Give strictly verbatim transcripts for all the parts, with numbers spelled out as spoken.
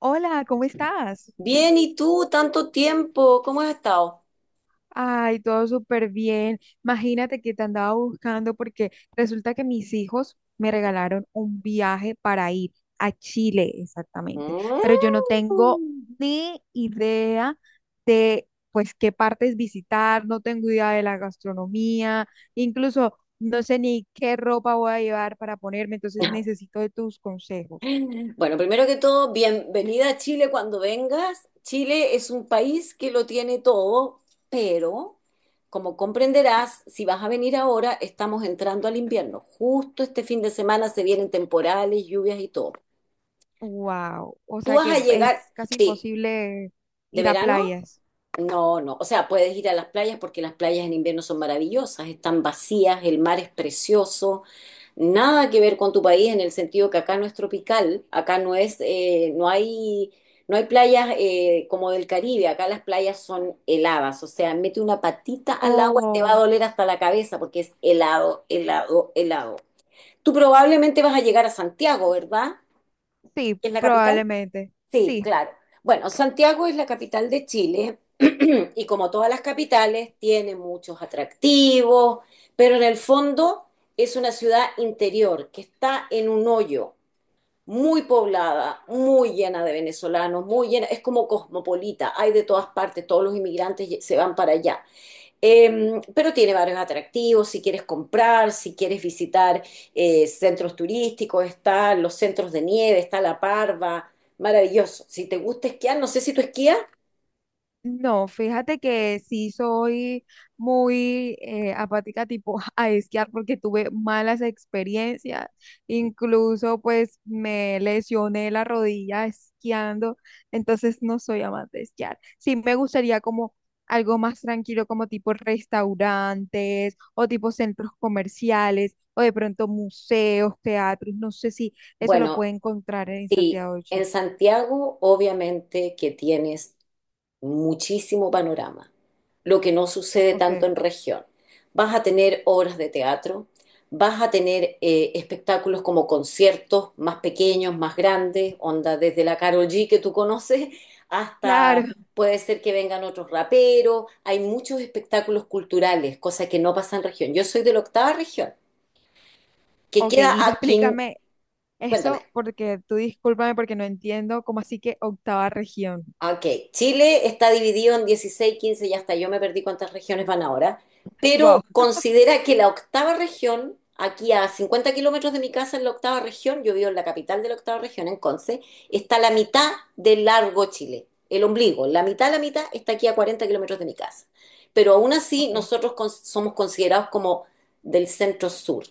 Hola, ¿cómo estás? Bien, ¿y tú? Tanto tiempo, ¿cómo has estado? Ay, todo súper bien. Imagínate que te andaba buscando porque resulta que mis hijos me regalaron un viaje para ir a Chile, exactamente. Pero Mm. yo no tengo ni idea de, pues, qué partes visitar, no tengo idea de la gastronomía, incluso no sé ni qué ropa voy a llevar para ponerme, entonces necesito de tus consejos. Bueno, primero que todo, bienvenida a Chile cuando vengas. Chile es un país que lo tiene todo, pero como comprenderás, si vas a venir ahora, estamos entrando al invierno. Justo este fin de semana se vienen temporales, lluvias y todo. Wow, o Tú sea vas que a llegar, es casi sí, imposible de ir a verano, playas. no, no. O sea, puedes ir a las playas porque las playas en invierno son maravillosas, están vacías, el mar es precioso. Nada que ver con tu país en el sentido que acá no es tropical, acá no es, eh, no hay, no hay playas eh, como del Caribe. Acá las playas son heladas, o sea, mete una patita al agua y te va a Oh, doler hasta la cabeza porque es helado, helado, helado. Tú probablemente vas a llegar a Santiago, ¿verdad? sí, ¿Es la capital? probablemente. Sí, Sí. claro. Bueno, Santiago es la capital de Chile. Y como todas las capitales, tiene muchos atractivos, pero en el fondo es una ciudad interior que está en un hoyo, muy poblada, muy llena de venezolanos, muy llena, es como cosmopolita, hay de todas partes, todos los inmigrantes se van para allá. Eh, pero tiene varios atractivos. Si quieres comprar, si quieres visitar eh, centros turísticos, están los centros de nieve, está la parva, maravilloso. Si te gusta esquiar, no sé si tú esquías. No, fíjate que sí soy muy eh, apática tipo a esquiar porque tuve malas experiencias. Incluso pues me lesioné la rodilla esquiando. Entonces no soy amante de esquiar. Sí, me gustaría como algo más tranquilo, como tipo restaurantes o tipo centros comerciales o de pronto museos, teatros. No sé si eso lo puede Bueno, encontrar en sí, Santiago de en Chile. Santiago obviamente que tienes muchísimo panorama, lo que no sucede tanto Ok, en región. Vas a tener obras de teatro, vas a tener eh, espectáculos como conciertos más pequeños, más grandes, onda desde la Karol G que tú conoces hasta claro. puede ser que vengan otros raperos. Hay muchos espectáculos culturales, cosas que no pasan en región. Yo soy de la octava región, que Ok, queda y aquí, explícame cuéntame. eso porque tú discúlpame porque no entiendo cómo así que octava región. Ok, Chile está dividido en dieciséis, quince, ya está, yo me perdí cuántas regiones van ahora, pero Wow. considera que la octava región, aquí a cincuenta kilómetros de mi casa en la octava región, yo vivo en la capital de la octava región, en Conce, está la mitad del largo Chile, el ombligo, la mitad, la mitad está aquí a cuarenta kilómetros de mi casa, pero aún así Ok, nosotros con- somos considerados como del centro sur.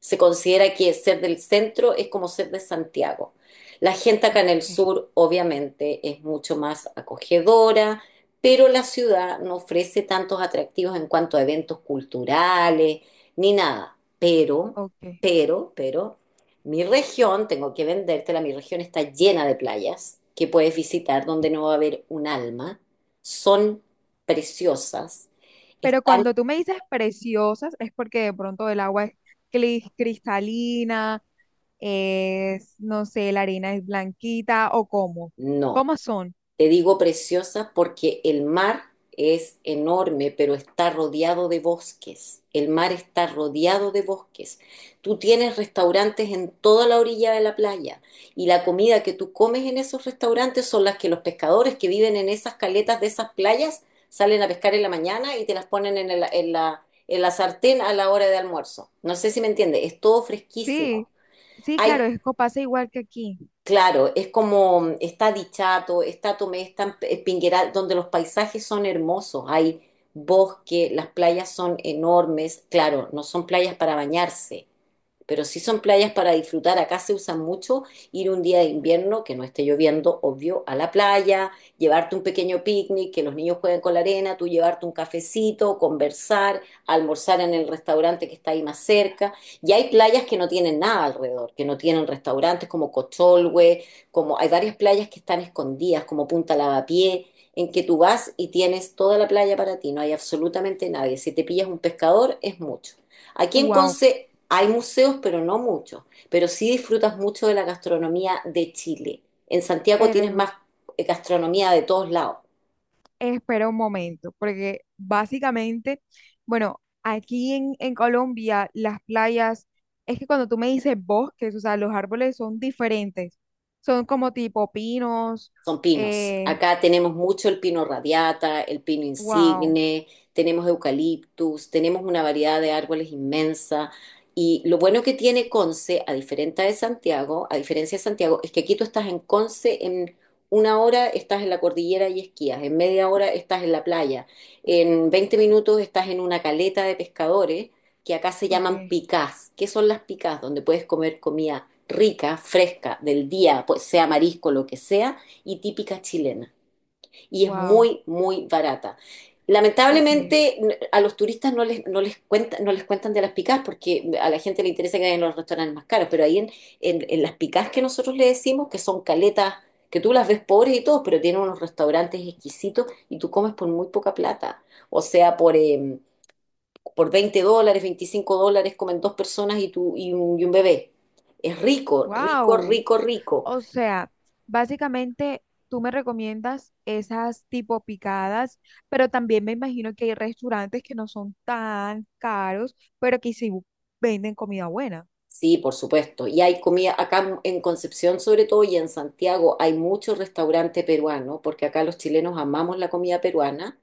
Se considera que ser del centro es como ser de Santiago. La gente acá en ok, el sur obviamente es mucho más acogedora, pero la ciudad no ofrece tantos atractivos en cuanto a eventos culturales ni nada. Pero, ok. pero, pero, mi región, tengo que vendértela, mi región está llena de playas que puedes visitar donde no va a haber un alma. Son preciosas. Pero Están, cuando tú me dices preciosas es porque de pronto el agua es clis- cristalina, es, no sé, la arena es blanquita o cómo. no. ¿Cómo son? Te digo preciosa porque el mar es enorme, pero está rodeado de bosques. El mar está rodeado de bosques. Tú tienes restaurantes en toda la orilla de la playa y la comida que tú comes en esos restaurantes son las que los pescadores que viven en esas caletas de esas playas salen a pescar en la mañana y te las ponen en, el- en la, en la sartén a la hora de almuerzo. No sé si me entiendes, es todo fresquísimo. Sí, sí, Hay claro, es co- pasa igual que aquí. Claro, es como está Dichato, está Tomé, está eh, Pingueral, donde los paisajes son hermosos, hay bosque, las playas son enormes. Claro, no son playas para bañarse, pero si son playas para disfrutar. Acá se usan mucho ir un día de invierno que no esté lloviendo, obvio, a la playa, llevarte un pequeño picnic, que los niños jueguen con la arena, tú llevarte un cafecito, conversar, almorzar en el restaurante que está ahí más cerca. Y hay playas que no tienen nada alrededor, que no tienen restaurantes como Cocholhue, como hay varias playas que están escondidas, como Punta Lavapié, en que tú vas y tienes toda la playa para ti, no hay absolutamente nadie. Si te pillas un pescador, es mucho. Aquí en Wow, Conce hay museos, pero no muchos. Pero sí disfrutas mucho de la gastronomía de Chile. En Santiago tienes pero más eh, gastronomía de todos lados. espera un momento, porque básicamente, bueno, aquí en, en Colombia las playas, es que cuando tú me dices bosques, o sea, los árboles son diferentes, son como tipo pinos, Son pinos. eh, Acá tenemos mucho el pino radiata, el pino wow, insigne, tenemos eucaliptus, tenemos una variedad de árboles inmensa. Y lo bueno que tiene Conce, a diferencia de Santiago, a diferencia de Santiago, es que aquí tú estás en Conce, en una hora estás en la cordillera y esquías, en media hora estás en la playa, en veinte minutos estás en una caleta de pescadores que acá se ok, llaman picás. ¿Qué son las picás? Donde puedes comer comida rica, fresca, del día, pues sea marisco, lo que sea y típica chilena. Y es wow, muy, muy barata. ok, Lamentablemente a los turistas no les, no les, cuenta, no les cuentan de las picás porque a la gente le interesa que vayan a los restaurantes más caros, pero ahí en, en, en las picás que nosotros le decimos, que son caletas, que tú las ves pobres y todo, pero tienen unos restaurantes exquisitos y tú comes por muy poca plata. O sea, por, eh, por veinte dólares, veinticinco dólares comen dos personas y, tú, y un, y un bebé. Es rico, rico, wow. rico, rico. O sea, básicamente tú me recomiendas esas tipo picadas, pero también me imagino que hay restaurantes que no son tan caros, pero que sí venden comida buena. Sí, por supuesto. Y hay comida, acá en Concepción sobre todo y en Santiago hay muchos restaurantes peruanos, porque acá los chilenos amamos la comida peruana.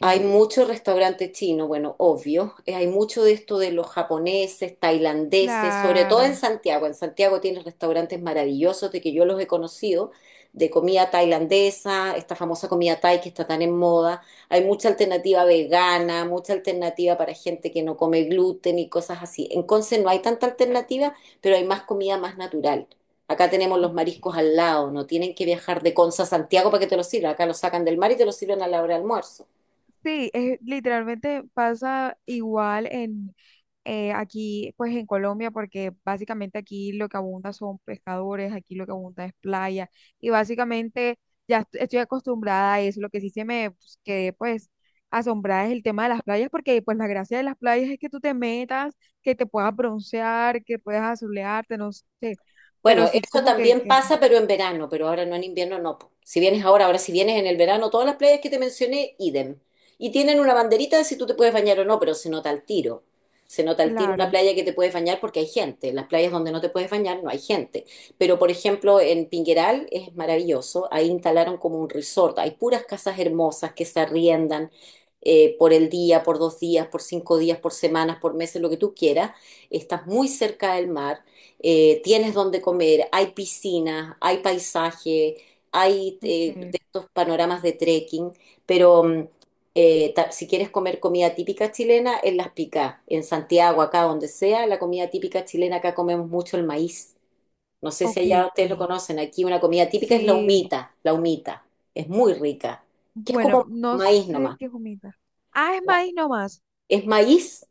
Hay muchos restaurantes chinos, bueno, obvio. Eh, Hay mucho de esto de los japoneses, tailandeses, sobre todo en claro, Santiago. En Santiago tienes restaurantes maravillosos de que yo los he conocido, de comida tailandesa, esta famosa comida thai que está tan en moda. Hay mucha alternativa vegana, mucha alternativa para gente que no come gluten y cosas así. En Conce no hay tanta alternativa, pero hay más comida más natural. Acá tenemos los ok. mariscos al lado, no tienen que viajar de Conce a Santiago para que te los sirvan. Acá los sacan del mar y te los sirven a la hora de almuerzo. Sí, es, literalmente pasa igual en eh, aquí, pues en Colombia, porque básicamente aquí lo que abunda son pescadores, aquí lo que abunda es playa, y básicamente ya est- estoy acostumbrada a eso. Lo que sí se me pues, quedé pues asombrada es el tema de las playas, porque pues la gracia de las playas es que tú te metas, que te puedas broncear, que puedas azulearte, no sé, pero Bueno, sí eso como que, también que pasa, pero en verano, pero ahora no en invierno, no po. Si vienes ahora, ahora si vienes en el verano, todas las playas que te mencioné, idem. Y tienen una banderita de si tú te puedes bañar o no, pero se nota al tiro. Se nota al tiro una claro, playa que te puedes bañar porque hay gente. En las playas donde no te puedes bañar no hay gente. Pero, por ejemplo, en Pingueral es maravilloso. Ahí instalaron como un resort. Hay puras casas hermosas que se arriendan eh, por el día, por dos días, por cinco días, por semanas, por meses, lo que tú quieras. Estás muy cerca del mar. Eh, tienes donde comer, hay piscinas, hay paisaje, hay eh, ok, de estos panoramas de trekking, pero mm, eh, ta- si quieres comer comida típica chilena, en Las Picás, en Santiago, acá donde sea, la comida típica chilena, acá comemos mucho el maíz. No sé si ok. allá ustedes lo conocen, aquí una comida típica es la Sí, humita, la humita, es muy rica, que es bueno, como no maíz sé nomás. qué es humita. Ah, es maíz nomás. Es maíz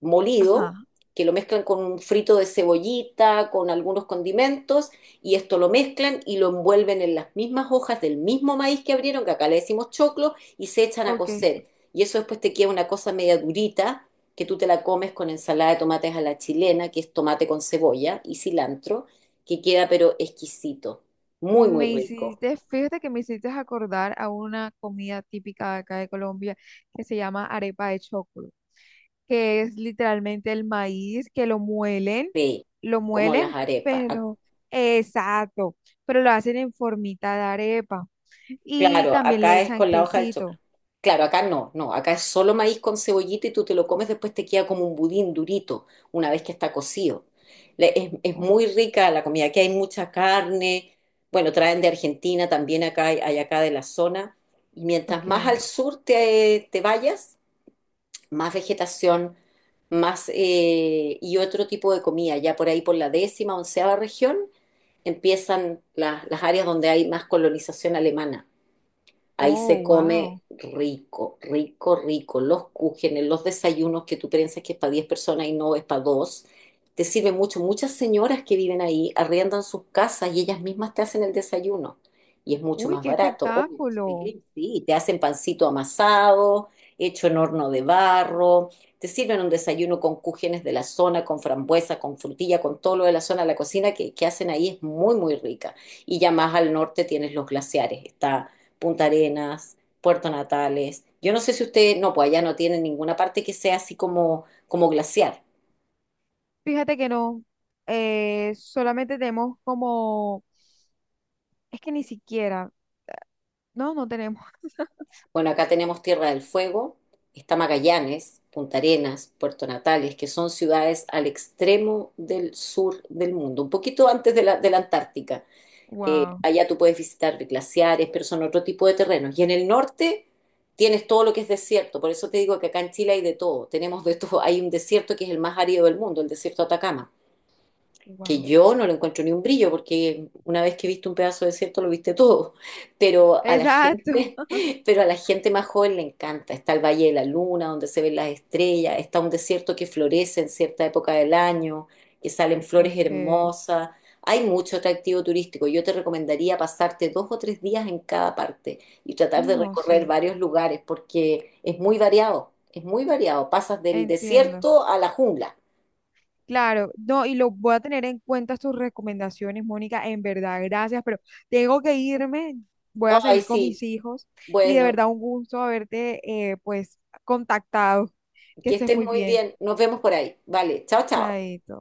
molido, Ajá, que lo mezclan con un frito de cebollita, con algunos condimentos, y esto lo mezclan y lo envuelven en las mismas hojas del mismo maíz que abrieron, que acá le decimos choclo, y se echan a ok. cocer. Y eso después te queda una cosa media durita, que tú te la comes con ensalada de tomates a la chilena, que es tomate con cebolla y cilantro, que queda pero exquisito, muy, muy Me rico. hiciste, fíjate que me hiciste acordar a una comida típica de acá de Colombia que se llama arepa de choclo, que es literalmente el maíz que lo muelen, Sí, lo como las muelen, arepas. pero exacto, pero lo hacen en formita de arepa y Claro, también le acá es echan con la hoja del choclo. quesito. Claro, acá no, no, acá es solo maíz con cebollita y tú te lo comes, después te queda como un budín durito una vez que está cocido. Le- Es, es muy Oh, rica la comida, aquí hay mucha carne, bueno, traen de Argentina, también acá hay, hay acá de la zona. Y mientras más al ok. sur te, te vayas, más vegetación, más eh, y otro tipo de comida. Ya por ahí por la décima, onceava región empiezan las las áreas donde hay más colonización alemana. Ahí Oh, se come wow. rico, rico, rico. Los cúgenes, los desayunos que tú piensas que es para diez personas y no es para dos. Te sirve mucho. Muchas señoras que viven ahí arriendan sus casas y ellas mismas te hacen el desayuno. Y es mucho Uy, más qué barato, obvio. espectáculo. Sí, sí, te hacen pancito amasado, hecho en horno de barro. Te sirven un desayuno con cúgenes de la zona, con frambuesa, con frutilla, con todo lo de la zona. La cocina que, que hacen ahí es muy, muy rica. Y ya más al norte tienes los glaciares. Está Punta Arenas, Puerto Natales. Yo no sé si usted, no, pues allá no tiene ninguna parte que sea así como, como glaciar. Fíjate que no, eh, solamente tenemos como, es que ni siquiera, no, no tenemos. Bueno, acá tenemos Tierra del Fuego, está Magallanes, Punta Arenas, Puerto Natales, que son ciudades al extremo del sur del mundo, un poquito antes de la, de la Antártica. Eh, Wow, Allá tú puedes visitar glaciares, pero son otro tipo de terrenos. Y en el norte tienes todo lo que es desierto. Por eso te digo que acá en Chile hay de todo. Tenemos de todo. Hay un desierto que es el más árido del mundo, el desierto de Atacama, que wow. yo no lo encuentro ni un brillo, porque una vez que viste un pedazo de desierto lo viste todo. Pero a la Exacto. gente, pero a la gente más joven le encanta. Está el Valle de la Luna, donde se ven las estrellas, está un desierto que florece en cierta época del año, que salen flores Ok. hermosas. Hay mucho atractivo turístico. Yo te recomendaría pasarte dos o tres días en cada parte y tratar de No, recorrer sí, varios lugares, porque es muy variado, es muy variado. Pasas del entiendo. desierto a la jungla. Claro, no, y lo voy a tener en cuenta tus recomendaciones, Mónica, en verdad, gracias, pero tengo que irme, voy a Ay, seguir con sí. mis hijos y de Bueno, verdad un gusto haberte, eh, pues, contactado. Que que estés estés muy muy bien. bien. Nos vemos por ahí. Vale, chao, chao. Chaito.